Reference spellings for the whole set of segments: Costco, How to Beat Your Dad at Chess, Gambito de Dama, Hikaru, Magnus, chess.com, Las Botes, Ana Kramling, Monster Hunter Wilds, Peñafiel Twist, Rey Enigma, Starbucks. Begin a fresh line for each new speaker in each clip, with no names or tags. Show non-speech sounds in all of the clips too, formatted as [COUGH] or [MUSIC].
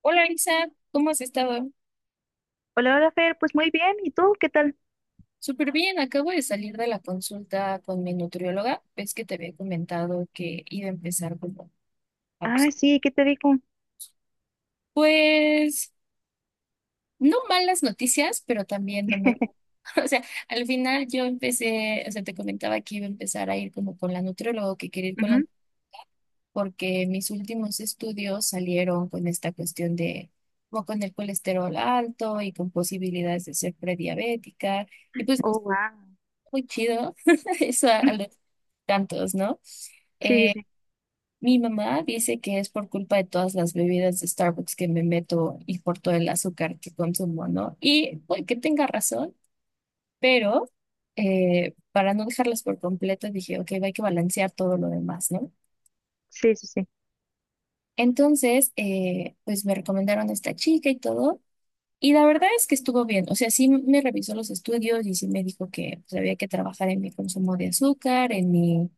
Hola Isa, ¿cómo has estado?
Hola, hola Fer, pues muy bien, ¿y tú qué tal?
Súper bien, acabo de salir de la consulta con mi nutrióloga. Ves que te había comentado que iba a empezar como a
Ah,
buscar.
sí, ¿qué te dijo? Ujú.
Pues no malas noticias, pero también no muy. [LAUGHS] O sea, al final yo empecé, o sea, te comentaba que iba a empezar a ir como con la nutrióloga, que quería ir con la,
[LAUGHS]
porque mis últimos estudios salieron con esta cuestión de, como con el colesterol alto y con posibilidades de ser prediabética. Y pues no
Oh,
está
wow.
muy chido. [LAUGHS] Eso a, tantos, ¿no?
Sí, sí,
Eh,
sí,
mi mamá dice que es por culpa de todas las bebidas de Starbucks que me meto y por todo el azúcar que consumo, ¿no? Y puede que tenga razón, pero para no dejarlas por completo dije, ok, hay que balancear todo lo demás, ¿no?
sí, sí, sí,
Entonces, pues me recomendaron a esta chica y todo. Y la verdad es que estuvo bien, o sea, sí me revisó los estudios y sí me dijo que pues, había que trabajar en mi consumo de azúcar, en mi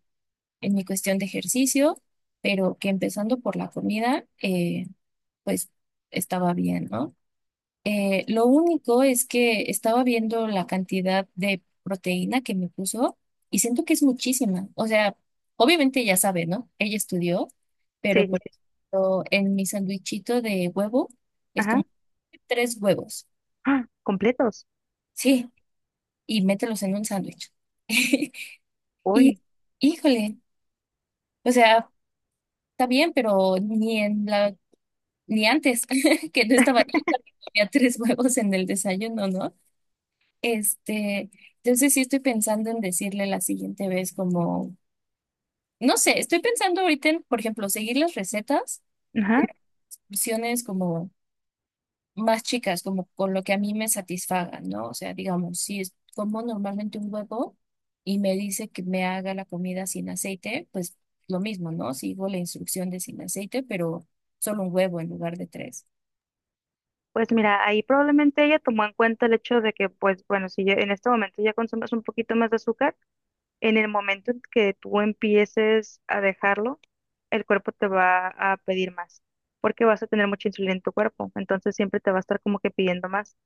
en mi cuestión de ejercicio, pero que empezando por la comida, pues estaba bien, ¿no? Lo único es que estaba viendo la cantidad de proteína que me puso y siento que es muchísima. O sea, obviamente ya sabe, ¿no? Ella estudió, pero
sí, sí,
por
sí.
ejemplo, en mi sandwichito de huevo es
Ajá.
como tres huevos,
¡Ah! Completos.
sí, y mételos en un sándwich. [LAUGHS] Y,
Uy.
híjole, o sea, está bien, pero ni en la ni antes, [LAUGHS] que no estaba
[LAUGHS]
yo también comía tres huevos en el desayuno, ¿no? Este, entonces sí estoy pensando en decirle la siguiente vez como, no sé, estoy pensando ahorita en, por ejemplo, seguir las recetas,
Ajá.
opciones como más chicas, como con lo que a mí me satisfaga, ¿no? O sea, digamos, si es como normalmente un huevo y me dice que me haga la comida sin aceite, pues lo mismo, ¿no? Sigo la instrucción de sin aceite, pero solo un huevo en lugar de tres.
Pues mira, ahí probablemente ella tomó en cuenta el hecho de que, pues bueno, si ya- en este momento ya consumes un poquito más de azúcar, en el momento en que tú empieces a dejarlo, el cuerpo te va a pedir más, porque vas a tener mucha insulina en tu cuerpo, entonces siempre te va a estar como que pidiendo más.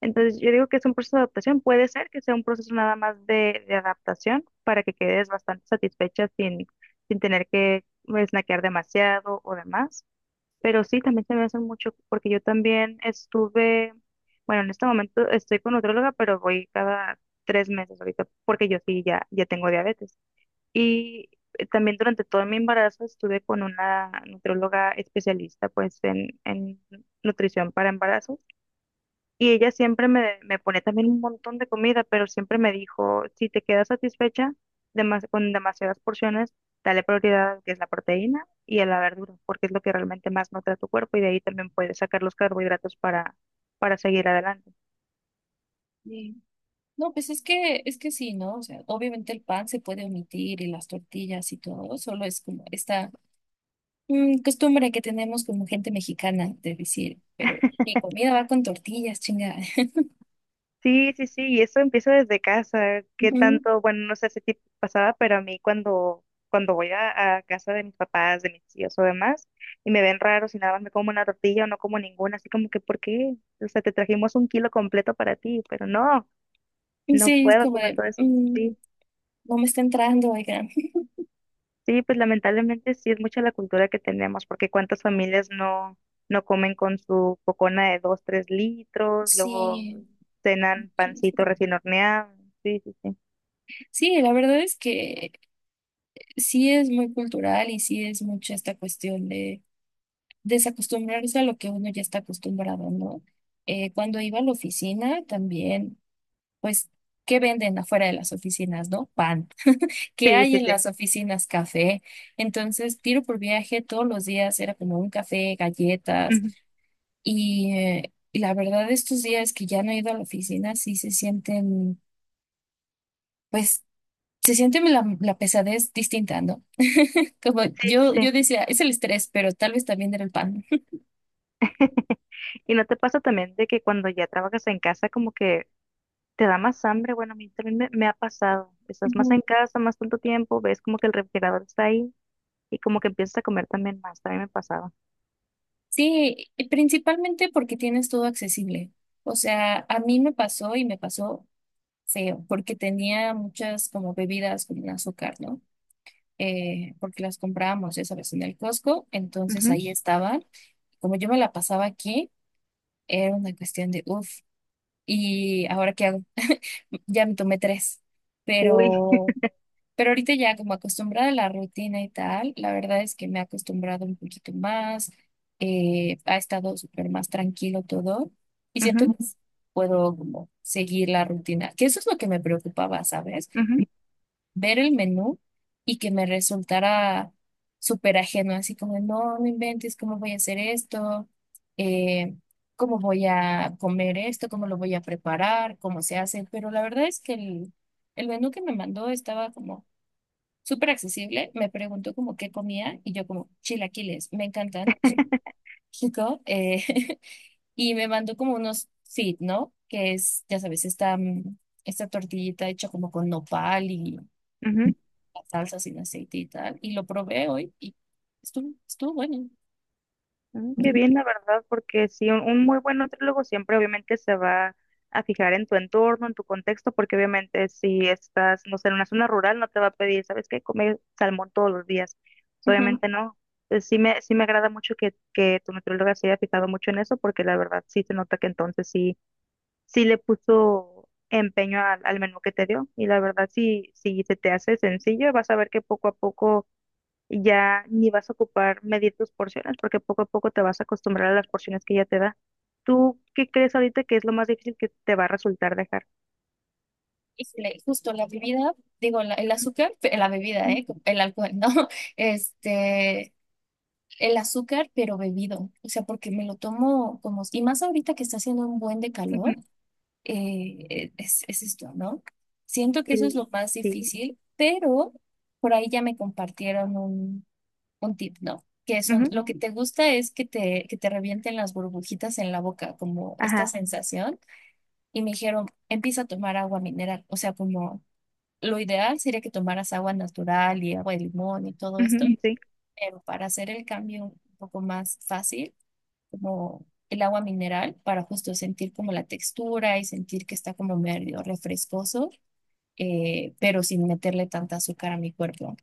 Entonces, yo digo que es un proceso de adaptación. Puede ser que sea un proceso nada más de adaptación para que quedes bastante satisfecha sin, sin tener que snackear demasiado o demás. Pero sí, también se me hace mucho porque yo también estuve, bueno, en este momento estoy con nutróloga, pero voy cada tres meses ahorita porque yo sí ya, ya tengo diabetes. Y también durante todo mi embarazo estuve con una nutróloga especialista pues en nutrición para embarazos y ella siempre me, me pone también un montón de comida, pero siempre me dijo, si te quedas satisfecha con demasiadas porciones, dale prioridad a lo que es la proteína y a la verdura, porque es lo que realmente más nutre a tu cuerpo y de ahí también puedes sacar los carbohidratos para seguir adelante.
No, pues es que sí, ¿no? O sea, obviamente el pan se puede omitir y las tortillas y todo, solo es como esta costumbre que tenemos como gente mexicana de decir, pero mi comida va con tortillas, chinga. [LAUGHS]
Sí, sí, sí, y eso empieza desde casa. ¿Qué
Ujú.
tanto? Bueno, no sé si tipo pasaba, pero a mí cuando, cuando voy a casa de mis papás, de mis tíos o demás, y me ven raro si nada más me como una tortilla o no como ninguna, así como que, ¿por qué? O sea, te trajimos un kilo completo para ti, pero no,
Y
no
sí, es
puedo
como
comer
de,
todo eso. Sí,
no me está entrando, oigan. [LAUGHS]
sí, pues lamentablemente sí es mucha la cultura que tenemos, porque cuántas familias no, no comen con su cocona de dos, tres litros, luego
Sí,
cenan
sí, sí.
pancito recién horneado. Sí, sí, sí.
Sí, la verdad es que sí es muy cultural y sí es mucho esta cuestión de desacostumbrarse a lo que uno ya está acostumbrado, ¿no? Cuando iba a la oficina también, pues, ¿qué venden afuera de las oficinas, no? Pan. ¿Qué
Sí,
hay
sí,
en
sí.
las oficinas? Café. Entonces, tiro por viaje todos los días, era como un café, galletas.
Ujú.
Y la verdad, estos días que ya no he ido a la oficina, sí se sienten, pues, se siente la pesadez distinta, ¿no? Como
Sí, sí,
yo
sí.
decía, es el estrés, pero tal vez también era el pan.
[LAUGHS] ¿Y no te pasa también de que cuando ya trabajas en casa como que te da más hambre? Bueno, a mí también me ha pasado. Estás más en
Ujú.
casa, más tanto tiempo, ves como que el refrigerador está ahí y como que empiezas a comer también más. También me pasaba.
Sí, y principalmente porque tienes todo accesible. O sea, a mí me pasó y me pasó. Sí, porque tenía muchas como bebidas con azúcar, ¿no? Porque las comprábamos, ya sabes, en el Costco, entonces
Ujú.
ahí estaban. Como yo me la pasaba aquí, era una cuestión de uff, ¿y ahora qué hago? Ya me tomé tres,
Uy.
pero, pero ahorita ya como acostumbrada a la rutina y tal, la verdad es que me he acostumbrado un poquito más, ha estado súper más tranquilo todo y siento
Ujú,
que puedo como seguir la rutina, que eso es lo que me preocupaba, ¿sabes?
ujú,
Ver el menú y que me resultara súper ajeno, así como, no, no inventes cómo voy a hacer esto. Eh, cómo voy a comer esto, cómo lo voy a preparar, cómo se hace, pero la verdad es que el menú que me mandó estaba como súper accesible, me preguntó como qué comía y yo como, chilaquiles, me encantan. [LAUGHS]
[LAUGHS]
Chico, [LAUGHS] y me mandó como unos fit, ¿no? Que es, ya sabes, esta, esta tortillita hecha como con nopal y
ujú.
salsa sin aceite y tal. Y lo probé hoy y estuvo, estuvo bueno.
Mm, qué bien, la verdad, porque sí, un muy buen nutriólogo siempre obviamente se va a fijar en tu entorno, en tu contexto, porque obviamente si estás, no sé, en una zona rural, no te va a pedir, ¿sabes qué? Comer salmón todos los días. Pues,
Ujú.
obviamente no. Sí me agrada mucho que tu nutrióloga se haya fijado mucho en eso, porque la verdad sí se nota que entonces sí, sí le puso empeño al, al menú que te dio. Y la verdad, sí, si se te hace sencillo, vas a ver que poco a poco y ya ni vas a ocupar medir tus porciones porque poco a poco te vas a acostumbrar a las porciones que ya te da. ¿Tú qué crees ahorita que es lo más difícil que te va a resultar dejar?
Y le- justo la bebida, digo, la- el
Ujú,
azúcar, pe- la bebida,
ujú,
¿eh? El alcohol, ¿no? [LAUGHS] Este, el azúcar, pero bebido. O sea, porque me lo tomo como, y más ahorita que está haciendo un buen de
ujú.
calor, es esto, ¿no? Siento que eso
Y,
es lo más
sí.
difícil, pero por ahí ya me compartieron un tip, no. Que son,
Ujú,
lo que te gusta es que te revienten las burbujitas en la boca, como esta
ajá.
sensación. Y me dijeron, empieza a tomar agua mineral. O sea, como lo ideal sería que tomaras agua natural y agua de limón y todo esto.
Ujú,
Mm.
sí.
Pero para hacer el cambio un poco más fácil, como el agua mineral, para justo sentir como la textura y sentir que está como medio refrescoso, pero sin meterle tanta azúcar a mi cuerpo.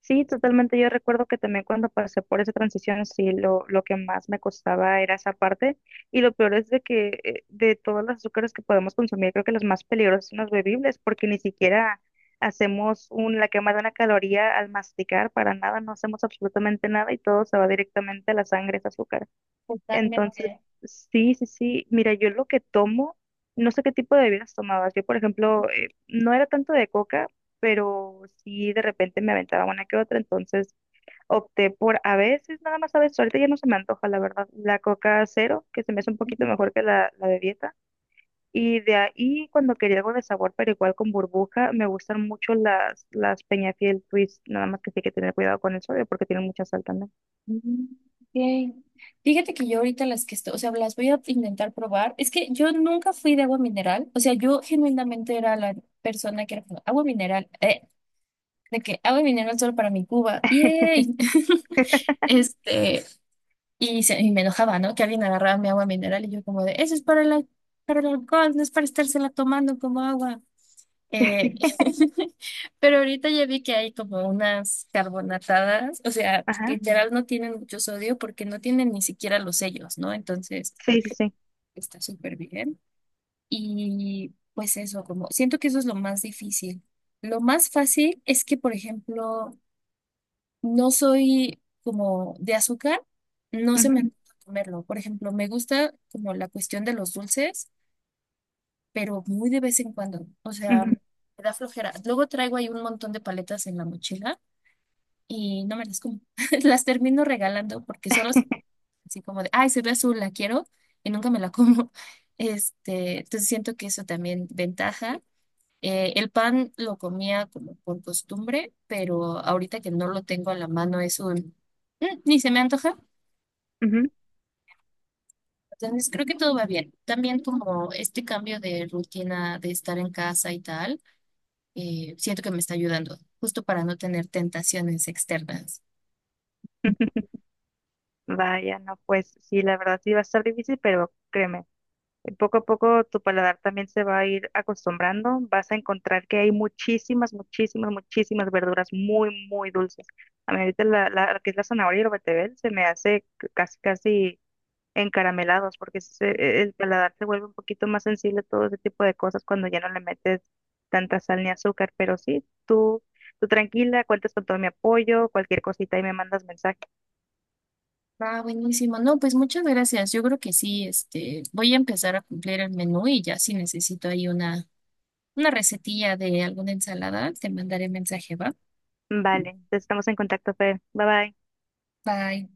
Sí, totalmente. Yo recuerdo que también cuando pasé por esa transición, sí, lo que más me costaba era esa parte. Y lo peor es de que de todos los azúcares que podemos consumir, creo que los más peligrosos son los bebibles, porque ni siquiera hacemos un, la quema de una caloría al masticar, para nada, no hacemos absolutamente nada y todo se va directamente a la sangre, ese azúcar. Entonces,
Totalmente.
sí, sí, sí. Mira, yo lo que tomo, no sé qué tipo de bebidas tomabas. Yo, por ejemplo, no era tanto de coca, pero sí de repente me aventaba una que otra. Entonces opté por a veces, nada más a veces. Ahorita ya no se me antoja, la verdad. La coca cero, que se me hace un poquito mejor que la de dieta. Y de ahí, cuando quería algo de sabor, pero igual con burbuja, me gustan mucho las Peñafiel Twist. Nada más que sí hay que tener cuidado con el sodio porque tienen mucha sal también.
Mm. Ok. Fíjate que yo ahorita las que estoy, o sea, las voy a intentar probar. Es que yo nunca fui de agua mineral, o sea, yo genuinamente era la persona que era como, agua mineral, de que agua mineral solo para mi Cuba, yay. [LAUGHS] Este, y, se- y me enojaba, ¿no? Que alguien agarraba mi agua mineral y yo como de, eso es para la, para el alcohol, no es para estársela tomando como agua. Eh, [LAUGHS] pero ahorita ya vi que hay como unas carbonatadas, o sea,
Ajá.
literal no tienen mucho sodio porque no tienen ni siquiera los sellos, ¿no? Entonces
Sí, sí, sí.
está súper bien. Y pues eso, como siento que eso es lo más difícil. Lo más fácil es que, por ejemplo, no soy como de azúcar, no se me
Ujú,
antoja comerlo. Por ejemplo, me gusta como la cuestión de los dulces, pero muy de vez en cuando. O sea, me
ujú,
da flojera. Luego traigo ahí un montón de paletas en la mochila y no me las como. [LAUGHS] Las termino regalando porque solo es así como de, ay, se ve azul, la quiero y nunca me la como. [LAUGHS] Este, entonces siento que eso también ventaja. El pan lo comía como por costumbre, pero ahorita que no lo tengo a la mano es un, "Mm, ni se me antoja".
ujú.
Entonces creo que todo va bien. También como este cambio de rutina de estar en casa y tal, siento que me está ayudando, justo para no tener tentaciones externas.
[LAUGHS] Vaya, no, pues sí, la verdad sí va a estar difícil, pero créeme, poco a poco tu paladar también se va a ir acostumbrando, vas a encontrar que hay muchísimas, muchísimas, muchísimas verduras muy, muy dulces. A mí ahorita la, la, lo que es la zanahoria y el betabel se me hace casi, casi encaramelados, el paladar se vuelve un poquito más sensible a todo ese tipo de cosas cuando ya no le metes tanta sal ni azúcar, pero sí, tú tranquila, cuentas con todo mi apoyo, cualquier cosita y me mandas mensaje.
Ah, buenísimo. No, pues muchas gracias. Yo creo que sí, este, voy a empezar a cumplir el menú y ya si necesito ahí una recetilla de alguna ensalada, te mandaré mensaje, ¿va?
Vale, entonces estamos en contacto, Fer. Bye bye.
Bye.